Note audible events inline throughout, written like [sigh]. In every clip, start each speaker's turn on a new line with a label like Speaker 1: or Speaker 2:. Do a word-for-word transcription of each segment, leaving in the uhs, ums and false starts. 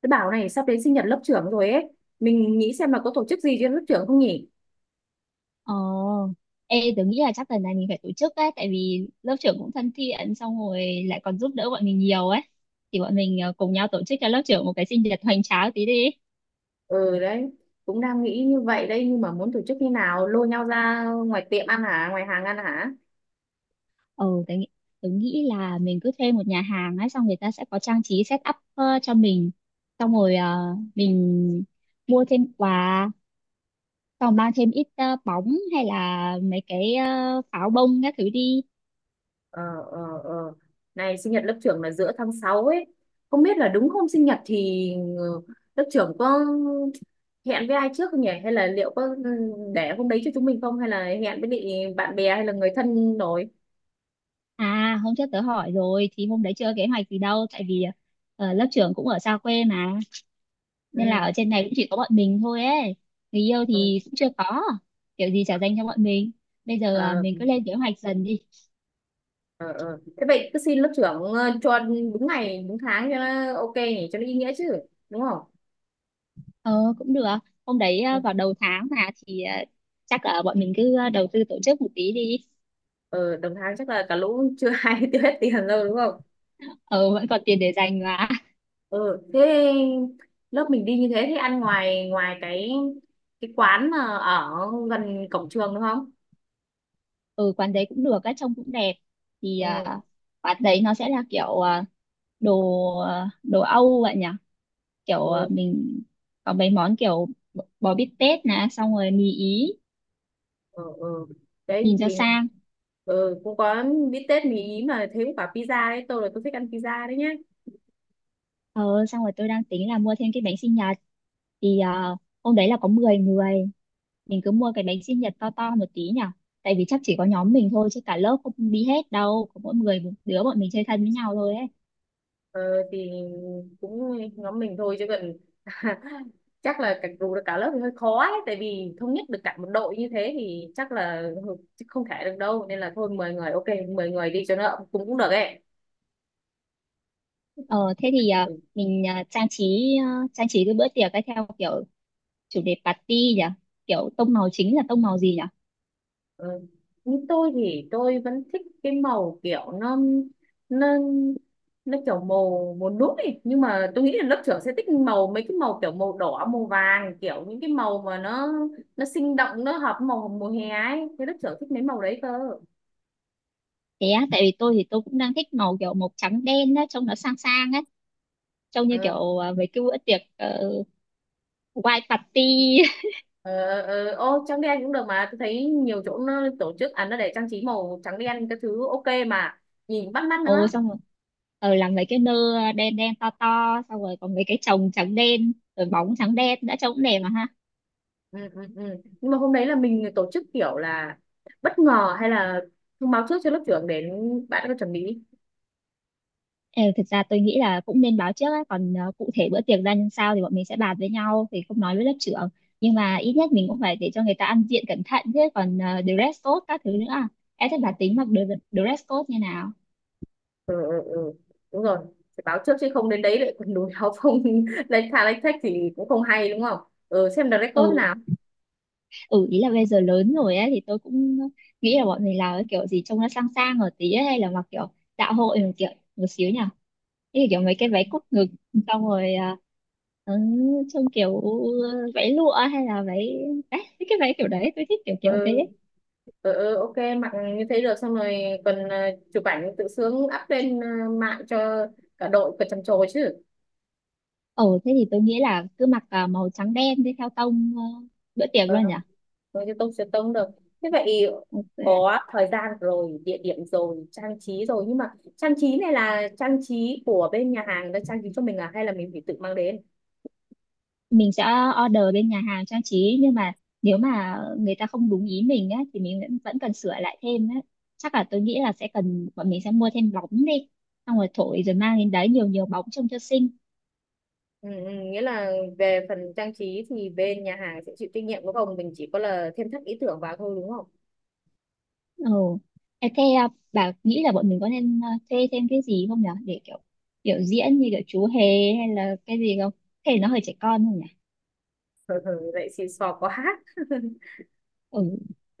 Speaker 1: Tôi bảo này sắp đến sinh nhật lớp trưởng rồi ấy. Mình nghĩ xem là có tổ chức gì cho lớp trưởng không nhỉ?
Speaker 2: Ồ, ê, tớ nghĩ là chắc lần này mình phải tổ chức ấy, tại vì lớp trưởng cũng thân thiện, xong rồi lại còn giúp đỡ bọn mình nhiều ấy. Thì bọn mình ờ, cùng nhau tổ chức cho lớp trưởng một cái sinh nhật hoành tráng tí đi.
Speaker 1: Ừ đấy, cũng đang nghĩ như vậy đây nhưng mà muốn tổ chức như nào? Lôi nhau ra ngoài tiệm ăn hả? Ngoài hàng ăn hả?
Speaker 2: Ừ, tớ nghĩ, tớ nghĩ là mình cứ thuê một nhà hàng ấy, xong người ta sẽ có trang trí set up ờ, cho mình. Xong rồi ờ, mình mua thêm quà, xong mang thêm ít ờ, bóng hay là mấy cái ờ, pháo bông các thứ đi.
Speaker 1: Ờ ờ ờ. Này sinh nhật lớp trưởng là giữa tháng sáu ấy. Không biết là đúng hôm sinh nhật thì ừ, lớp trưởng có hẹn với ai trước không nhỉ? Hay là liệu có ừ, để hôm đấy cho chúng mình không? Hay là hẹn với bị bạn bè hay là người thân rồi?
Speaker 2: À, hôm trước tớ hỏi rồi thì hôm đấy chưa kế hoạch gì đâu, tại vì ờ, lớp trưởng cũng ở xa quê mà, nên là ở
Speaker 1: Ừ.
Speaker 2: trên này cũng chỉ có bọn mình thôi ấy. Người yêu
Speaker 1: Ừ.
Speaker 2: thì cũng chưa có, kiểu gì trả dành cho bọn mình. Bây giờ ờ,
Speaker 1: Ờ,
Speaker 2: mình cứ lên kế hoạch dần đi.
Speaker 1: ờ ờ. Thế vậy cứ xin lớp trưởng ờ, cho đúng ngày đúng tháng cho nó ok nhỉ, cho nó ý nghĩa chứ, đúng không?
Speaker 2: ờ Cũng được. Hôm đấy
Speaker 1: Ừ.
Speaker 2: ờ, vào đầu tháng mà thì ờ, chắc là bọn mình cứ ờ, đầu tư tổ chức một tí đi.
Speaker 1: Ờ đồng tháng chắc là cả lũ chưa [laughs] ai tiêu hết tiền đâu, đúng không?
Speaker 2: ờ Vẫn còn tiền để dành mà.
Speaker 1: Ờ thế lớp mình đi như thế thì ăn ngoài ngoài cái cái quán mà ở gần cổng trường đúng không?
Speaker 2: [laughs] Ừ, quán đấy cũng được, các trông cũng đẹp. Thì
Speaker 1: ừ
Speaker 2: ờ, quán đấy nó sẽ là kiểu ờ, đồ ờ, đồ Âu vậy nhỉ, kiểu ờ,
Speaker 1: ừ
Speaker 2: mình có mấy món kiểu bò bò bít tết nè, xong rồi mì ý,
Speaker 1: ừ, ừ. Đấy
Speaker 2: nhìn cho
Speaker 1: thì
Speaker 2: sang.
Speaker 1: ừ, cũng có bít tết mì ý mà thấy quả pizza đấy, tôi là tôi thích ăn pizza đấy nhá.
Speaker 2: ờ Xong rồi tôi đang tính là mua thêm cái bánh sinh nhật. Thì ờ, hôm đấy là có mười người, mình cứ mua cái bánh sinh nhật to to một tí nhở, tại vì chắc chỉ có nhóm mình thôi, chứ cả lớp không đi hết đâu, có mỗi người một đứa bọn mình chơi thân với nhau thôi ấy.
Speaker 1: Ờ, thì cũng nhóm mình thôi chứ còn [laughs] chắc là cả dù được cả lớp thì hơi khó ấy, tại vì thống nhất được cả một đội như thế thì chắc là hừ, chứ không thể được đâu, nên là thôi mười người ok, mười người đi cho nó cũng cũng được ấy.
Speaker 2: ờ Thế thì ờ,
Speaker 1: Ừ.
Speaker 2: mình ờ, trang trí ờ, trang trí cái bữa tiệc ấy theo kiểu chủ đề party nhỉ, kiểu tông màu chính là tông màu gì nhỉ?
Speaker 1: Ừ. Như tôi thì tôi vẫn thích cái màu kiểu nó nó nó kiểu màu màu nút ấy, nhưng mà tôi nghĩ là lớp trưởng sẽ thích màu mấy cái màu kiểu màu đỏ màu vàng, kiểu những cái màu mà nó nó sinh động, nó hợp với màu mùa hè ấy, thế lớp trưởng thích mấy màu đấy cơ.
Speaker 2: Thế á? Tại vì tôi thì tôi cũng đang thích màu kiểu màu trắng đen á, trông nó sang sang á, trông như
Speaker 1: ờ,
Speaker 2: kiểu à, mấy cái bữa tiệc uh, white party. [laughs]
Speaker 1: ờ, ờ, Ô trắng đen cũng được mà tôi thấy nhiều chỗ nó tổ chức à, nó để trang trí màu trắng đen cái thứ ok mà, nhìn bắt mắt nữa.
Speaker 2: Ồ, xong rồi ờ làm mấy cái nơ đen đen to to, xong rồi có mấy cái chồng trắng đen rồi bóng trắng đen đã, trông cũng đẹp mà ha.
Speaker 1: ừ, ừ, ừ. Nhưng mà hôm đấy là mình tổ chức kiểu là bất ngờ hay là thông báo trước cho lớp trưởng đến bạn có chuẩn bị.
Speaker 2: Ờ, Thực ra tôi nghĩ là cũng nên báo trước á, còn ờ, cụ thể bữa tiệc ra làm sao thì bọn mình sẽ bàn với nhau, thì không nói với lớp trưởng. Nhưng mà ít nhất mình cũng phải để cho người ta ăn diện cẩn thận chứ, còn ờ, dress code các thứ nữa. à. Em thích bà tính mặc dre- dress code như nào?
Speaker 1: ừ, ừ, ừ. Đúng rồi, phải báo trước chứ không đến đấy lại còn đùi áo không [laughs] lấy thà lấy thách thì cũng không hay đúng không. Ừ, xem được record thế
Speaker 2: Ừ,
Speaker 1: nào.
Speaker 2: ừ, ý là bây giờ lớn rồi ấy, thì tôi cũng nghĩ là bọn mình làm cái kiểu gì trông nó sang sang ở tí ấy, hay là mặc kiểu dạ hội một kiểu một xíu nhỉ, cái kiểu mấy cái váy cúc ngực, xong rồi à, ừ, trông kiểu ừ, váy lụa hay là váy đấy, mấy cái váy kiểu đấy tôi thích kiểu
Speaker 1: ừ,
Speaker 2: kiểu thế.
Speaker 1: ừ, ừ, ok mặc như thế được, xong rồi còn ờ, chụp ảnh tự sướng up lên ờ, mạng cho cả đội còn trầm trồ chứ.
Speaker 2: Ồ thế thì tôi nghĩ là cứ mặc à, màu trắng đen đi theo tông ờ, bữa tiệc
Speaker 1: Ừ.
Speaker 2: luôn nhỉ.
Speaker 1: Rồi thì tôi sẽ tông sẽ tông được. Thế vậy
Speaker 2: Ok,
Speaker 1: có thời gian rồi, địa điểm rồi, trang trí rồi, nhưng mà trang trí này là trang trí của bên nhà hàng đã trang trí cho mình à, hay là mình phải tự mang đến?
Speaker 2: mình sẽ order bên nhà hàng trang trí, nhưng mà nếu mà người ta không đúng ý mình á thì mình vẫn vẫn cần sửa lại thêm á. Chắc là tôi nghĩ là sẽ cần bọn mình sẽ mua thêm bóng đi, xong rồi thổi rồi mang đến đấy, nhiều nhiều bóng trông cho xinh.
Speaker 1: Ừ, ừ, nghĩa là về phần trang trí thì bên nhà hàng sẽ chịu trách nhiệm đúng không? Mình chỉ có là thêm thắt ý tưởng vào thôi đúng không?
Speaker 2: Ừ. Ê, thế à, bà nghĩ là bọn mình có nên à, thuê thêm cái gì không nhỉ, để kiểu biểu diễn như kiểu chú hề hay là cái gì không? Thế nó hơi trẻ con không nhỉ?
Speaker 1: Ừ, ừ, vậy xì xò quá [laughs] hát.
Speaker 2: Ừ,
Speaker 1: Ừ.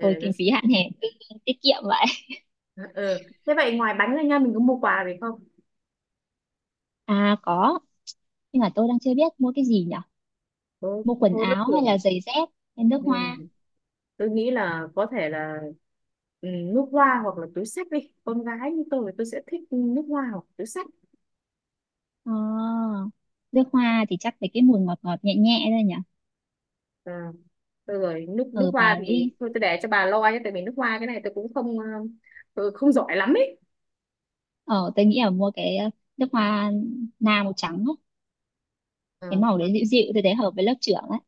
Speaker 2: thôi, kinh phí hạn hẹp cứ tiết kiệm vậy.
Speaker 1: Ừ. Thế vậy ngoài bánh ra nha mình có mua quà gì không?
Speaker 2: À có, nhưng mà tôi đang chưa biết mua cái gì nhỉ,
Speaker 1: Thôi,
Speaker 2: mua quần
Speaker 1: thôi lớp
Speaker 2: áo hay là
Speaker 1: trưởng.
Speaker 2: giày dép hay nước hoa?
Speaker 1: Ừ. Tôi nghĩ là có thể là ừ, nước hoa hoặc là túi xách đi. Con gái như tôi tôi sẽ thích nước hoa hoặc túi xách.
Speaker 2: Ờ, Nước hoa thì chắc phải cái mùi ngọt ngọt nhẹ nhẹ thôi nhỉ.
Speaker 1: À, thôi rồi nước nước
Speaker 2: Ừ,
Speaker 1: hoa
Speaker 2: bà
Speaker 1: thì
Speaker 2: nghĩ
Speaker 1: thôi tôi để cho bà lo nhé, tại vì nước hoa cái này tôi cũng không ờ, tôi không giỏi lắm ấy.
Speaker 2: ờ tôi nghĩ là mua cái ờ, nước hoa na màu trắng á.
Speaker 1: Ờ,
Speaker 2: Cái màu
Speaker 1: ờ,
Speaker 2: đấy dịu dịu, tôi thấy hợp với lớp trưởng ấy.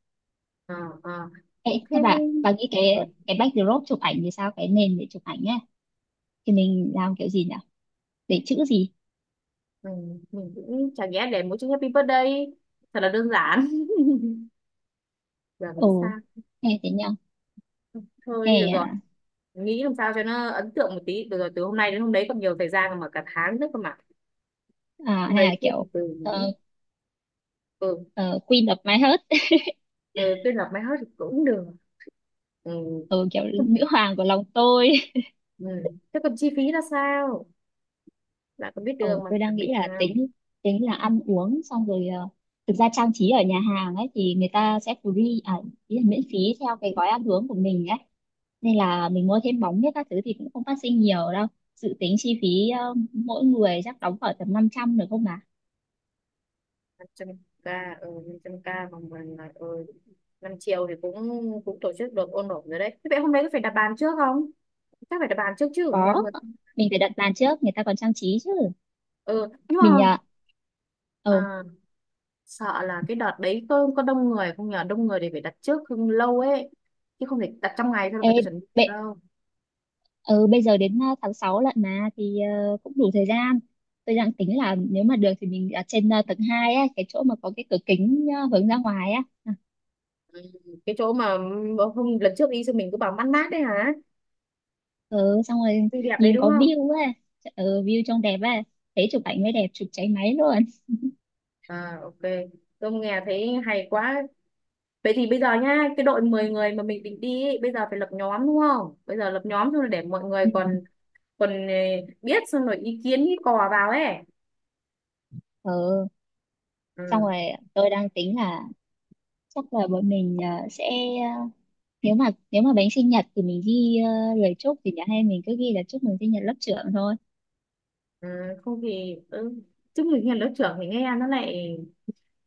Speaker 1: ờ, ờ.
Speaker 2: Ê,
Speaker 1: Thế
Speaker 2: thế bà bà nghĩ
Speaker 1: ừ,
Speaker 2: cái cái backdrop chụp ảnh thì sao, cái nền để chụp ảnh ấy thì mình làm kiểu gì nhỉ, để chữ gì?
Speaker 1: ừ, mình cũng chả nhẽ để mỗi chữ happy birthday thật là đơn giản [laughs] giờ nghĩ
Speaker 2: Ồ,
Speaker 1: sao.
Speaker 2: ừ, thế nhỉ.
Speaker 1: Thôi được
Speaker 2: hay
Speaker 1: rồi,
Speaker 2: à,
Speaker 1: nghĩ làm sao cho nó ấn tượng một tí được rồi, từ hôm nay đến hôm đấy còn nhiều thời gian mà, cả tháng nữa cơ mà.
Speaker 2: à,
Speaker 1: Hôm
Speaker 2: Hay
Speaker 1: nay
Speaker 2: là
Speaker 1: cứ từ
Speaker 2: kiểu
Speaker 1: từ mình nghĩ.
Speaker 2: ờ,
Speaker 1: Ừ,
Speaker 2: ờ, Queen of my heart,
Speaker 1: ừ tôi làm máy hết thì cũng được. Ừ.
Speaker 2: ừ, kiểu nữ hoàng của lòng tôi.
Speaker 1: Ừ. Thế còn chi phí là sao, lại còn biết
Speaker 2: Ờ,
Speaker 1: đường mà
Speaker 2: tôi
Speaker 1: đặc
Speaker 2: đang
Speaker 1: biệt
Speaker 2: nghĩ là
Speaker 1: nào.
Speaker 2: tính tính là ăn uống, xong rồi ờ, thực ra trang trí ở nhà hàng ấy thì người ta sẽ free à, ý là miễn phí theo cái gói ăn uống của mình ấy, nên là mình mua thêm bóng biết các thứ thì cũng không phát sinh nhiều đâu. Dự tính chi phí ờ, mỗi người chắc đóng khoảng tầm năm trăm được không mà?
Speaker 1: năm trăm k ừ, năm trăm nghìn bằng bằng là ừ, năm triệu thì cũng cũng tổ chức được ôn ổn rồi đấy. Thế vậy hôm nay có phải đặt bàn trước không? Chắc phải đặt bàn trước chứ
Speaker 2: Có,
Speaker 1: mới mà.
Speaker 2: mình phải đặt bàn trước người ta còn trang trí chứ.
Speaker 1: Ừ nhưng mà
Speaker 2: Mình ờ ừ.
Speaker 1: à, sợ là cái đợt đấy có có đông người không nhờ, đông người thì phải đặt trước không lâu ấy, chứ không thể đặt trong ngày thôi là
Speaker 2: Ê,
Speaker 1: người ta chuẩn bị
Speaker 2: bệ-
Speaker 1: đâu.
Speaker 2: ừ, bây giờ đến ờ, tháng sáu lận mà, thì ờ, cũng đủ thời gian. Tôi đang tính là nếu mà được thì mình ở trên ờ, tầng hai á, cái chỗ mà có cái cửa kính ờ, hướng ra ngoài á. À,
Speaker 1: Ừ, cái chỗ mà bữa hôm lần trước đi xong mình cứ bảo mát mát đấy hả.
Speaker 2: ừ, xong rồi
Speaker 1: Xinh đẹp đấy
Speaker 2: nhìn
Speaker 1: đúng
Speaker 2: có
Speaker 1: không?
Speaker 2: view á, ừ, view trông đẹp á, thế chụp ảnh mới đẹp, chụp cháy máy luôn.
Speaker 1: À ok, tôi nghe thấy hay quá. Vậy thì bây giờ nhá cái đội mười người mà mình định đi ấy, bây giờ phải lập nhóm đúng không, bây giờ lập nhóm xong rồi để mọi người
Speaker 2: Ừ,
Speaker 1: còn còn ờ, biết xong rồi ý kiến ý cò vào ấy.
Speaker 2: ừ. Xong
Speaker 1: Ừ,
Speaker 2: rồi tôi đang tính là chắc là bọn mình ờ, sẽ ờ, nếu mà nếu mà bánh sinh nhật thì mình ghi ờ, lời chúc, thì nhà hay mình cứ ghi là chúc mừng sinh nhật lớp trưởng thôi.
Speaker 1: ừ, không thì ừ. Chứ mình nghe lớp trưởng thì nghe nó lại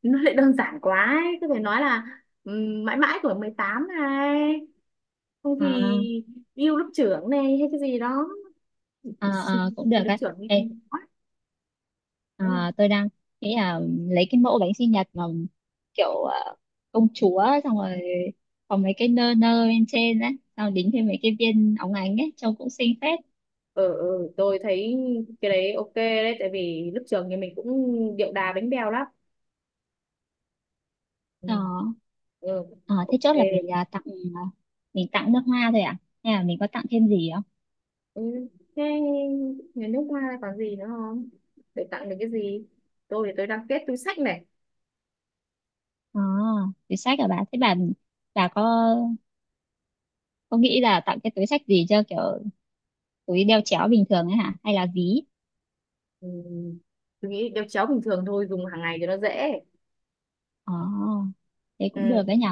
Speaker 1: nó lại đơn giản quá ấy. Cứ phải nói là ừ, mãi mãi tuổi mười tám này, không
Speaker 2: À,
Speaker 1: thì yêu lớp trưởng này, hay cái gì đó.
Speaker 2: à,
Speaker 1: Ý
Speaker 2: à,
Speaker 1: sinh
Speaker 2: cũng được
Speaker 1: lớp
Speaker 2: á.
Speaker 1: trưởng thì
Speaker 2: Ê,
Speaker 1: quá. Ừ.
Speaker 2: à, tôi đang nghĩ là lấy cái mẫu bánh sinh nhật mà kiểu à, công chúa, xong rồi có mấy cái nơ nơ bên trên á, xong đính thêm mấy cái viên óng ánh ấy trông cũng xinh phết.
Speaker 1: Ờ ừ, tôi thấy cái đấy ok đấy, tại vì lúc trường thì mình cũng điệu đà bánh bèo lắm. Ừ.
Speaker 2: Đó.
Speaker 1: Ừ.
Speaker 2: À, thế
Speaker 1: Ok.
Speaker 2: chốt là mình à, tặng, à, mình tặng nước hoa thôi à, hay là mình có tặng thêm gì không?
Speaker 1: Ừ. Thế nhà nước hoa còn gì nữa không để tặng được cái gì? Tôi thì tôi đang kết túi xách này.
Speaker 2: À, túi xách à, bà thế bà bà có có nghĩ là tặng cái túi xách gì cho kiểu túi đeo chéo bình thường ấy hả, hay là ví?
Speaker 1: Ừ. Tôi nghĩ đeo chéo bình thường thôi, dùng hàng ngày cho nó dễ.
Speaker 2: À, thế cũng
Speaker 1: Ừ.
Speaker 2: được đấy nhỉ.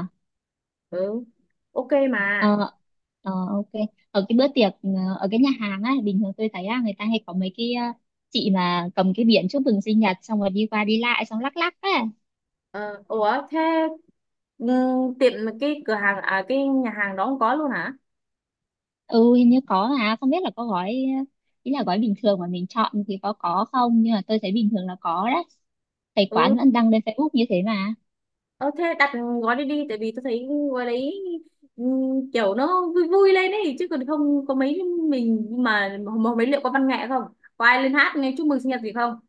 Speaker 1: Ừ. Ok mà.
Speaker 2: Ờ, ờ, ok. Ở cái bữa tiệc ờ, ở cái nhà hàng á, bình thường tôi thấy á, người ta hay có mấy cái ờ, chị mà cầm cái biển chúc mừng sinh nhật, xong rồi đi qua đi lại xong lắc lắc á.
Speaker 1: ờ, Ủa thế ừ, tiệm cái cửa hàng à cái nhà hàng đó không có luôn hả?
Speaker 2: Ừ, hình như có, mà không biết là có gói ờ, ý là gói bình thường mà mình chọn thì có có không, nhưng mà tôi thấy bình thường là có đấy. Thấy quán
Speaker 1: Ừ.
Speaker 2: vẫn đăng lên Facebook như thế mà.
Speaker 1: Ờ thế đặt gói đi đi, tại vì tôi thấy gói đấy ừm, kiểu nó vui vui lên ấy, chứ còn không có mấy. Mình mà mà mấy liệu có văn nghệ không? Có ai lên hát nghe chúc mừng sinh nhật gì không?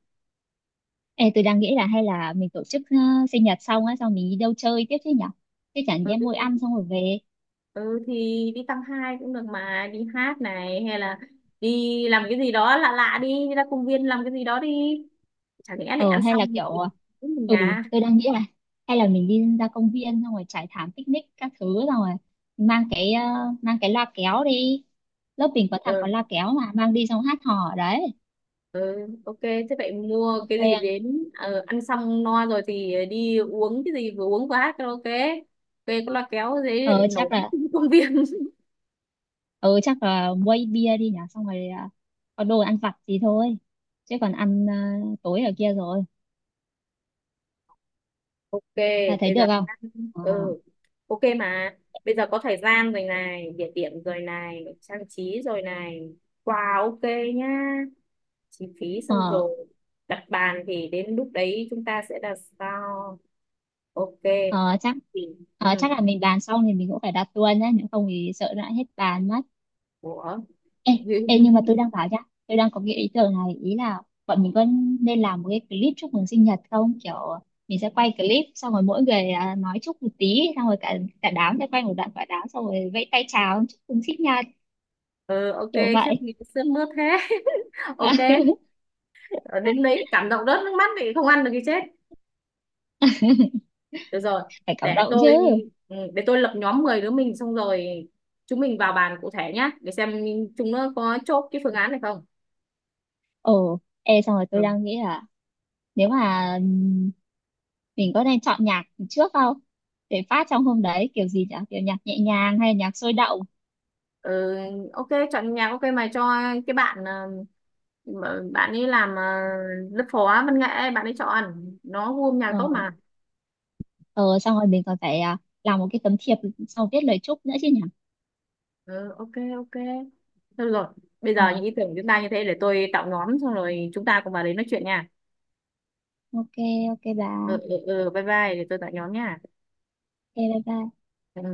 Speaker 2: Ê, tôi đang nghĩ là hay là mình tổ chức ờ, sinh nhật xong á, xong mình đi đâu chơi tiếp chứ nhở? Chứ chẳng
Speaker 1: Ừ,
Speaker 2: nhẽ mỗi ăn
Speaker 1: thì-
Speaker 2: xong rồi về.
Speaker 1: ừ thì đi tăng hai cũng được mà, đi hát này hay là đi làm cái gì đó lạ lạ đi, đi ra công viên làm cái gì đó đi, chẳng lẽ lại
Speaker 2: ờ
Speaker 1: ăn
Speaker 2: Hay là
Speaker 1: xong
Speaker 2: kiểu
Speaker 1: thì
Speaker 2: ờ,
Speaker 1: cũng
Speaker 2: ừ,
Speaker 1: nhà.
Speaker 2: tôi đang nghĩ là hay là mình đi ra công viên, xong rồi trải thảm picnic các thứ, xong rồi mang cái ờ, mang cái loa kéo đi. Lớp mình có thằng có loa kéo mà, mang đi xong hát hò ở đấy,
Speaker 1: Ừ, ok, thế vậy mua
Speaker 2: ok
Speaker 1: cái gì
Speaker 2: không?
Speaker 1: đến ờ, ăn xong no rồi thì đi uống cái gì, vừa uống vừa hát karaoke. Về có loa kéo dễ lại
Speaker 2: ờ
Speaker 1: nổi
Speaker 2: chắc
Speaker 1: nhất
Speaker 2: là
Speaker 1: trong công viên. [laughs]
Speaker 2: ờ chắc là quay bia đi nhỉ, xong rồi ờ, có đồ ăn vặt gì thôi, chứ còn ăn ờ, tối ở kia rồi,
Speaker 1: Ok,
Speaker 2: là thấy
Speaker 1: bây
Speaker 2: được
Speaker 1: giờ
Speaker 2: không?
Speaker 1: đang-
Speaker 2: ờ
Speaker 1: ừ, ok mà. Bây giờ có thời gian rồi này, địa điểm rồi này, trang trí rồi này. Quà ok nhá. Chi phí xong
Speaker 2: ờ
Speaker 1: rồi. Đặt bàn thì đến lúc đấy chúng ta sẽ đặt sao? Ok.
Speaker 2: ờ chắc
Speaker 1: Thì, ừ.
Speaker 2: ờ, chắc là mình bàn xong thì mình cũng phải đặt luôn nhé, nếu không thì sợ lại hết bàn mất.
Speaker 1: Ủa.
Speaker 2: Ê, ê, nhưng mà tôi
Speaker 1: [laughs]
Speaker 2: đang bảo nhá, tôi đang có cái ý tưởng này, ý là bọn mình có nên làm một cái clip chúc mừng sinh nhật không? Kiểu mình sẽ quay clip, xong rồi mỗi người à, nói chúc một tí, xong rồi cả cả đám sẽ quay một đoạn quả đám, xong rồi vẫy tay chào chúc mừng sinh nhật
Speaker 1: ừ, ok,
Speaker 2: kiểu
Speaker 1: khiếp
Speaker 2: vậy.
Speaker 1: nghĩ sướt mướt thế. [laughs] Ok,
Speaker 2: [laughs]
Speaker 1: ờ, đến đấy cảm động rớt nước mắt thì không ăn được thì chết. Được rồi,
Speaker 2: Phải cảm
Speaker 1: để
Speaker 2: động chứ.
Speaker 1: tôi ừ, để tôi lập nhóm mười đứa mình xong rồi chúng mình vào bàn cụ thể nhá, để xem chúng nó có chốt cái phương án này không.
Speaker 2: Ồ, ê, xong rồi tôi
Speaker 1: Ừ.
Speaker 2: đang nghĩ là nếu mà ừm, mình có nên chọn nhạc trước không? Để phát trong hôm đấy kiểu gì nhỉ? Kiểu nhạc nhẹ nhàng hay nhạc sôi động?
Speaker 1: Ừ, ok chọn nhạc ok mày cho cái bạn ờ, mà bạn ấy làm ờ, lớp phó văn nghệ, bạn ấy chọn, nó gu âm nhạc
Speaker 2: Ờ
Speaker 1: tốt mà.
Speaker 2: ờ Xong rồi mình còn phải à, làm một cái tấm thiệp, xong viết lời chúc nữa chứ nhỉ.
Speaker 1: Ừ, ok. Ok. Thôi được rồi, bây
Speaker 2: ờ
Speaker 1: giờ những ý tưởng của chúng ta như thế, để tôi tạo nhóm xong rồi chúng ta cùng vào đấy nói chuyện nha.
Speaker 2: ok, ok bà,
Speaker 1: Ừ, ừ, ừ, bye bye, để tôi tạo nhóm nha.
Speaker 2: ok, bye bye.
Speaker 1: Ừ.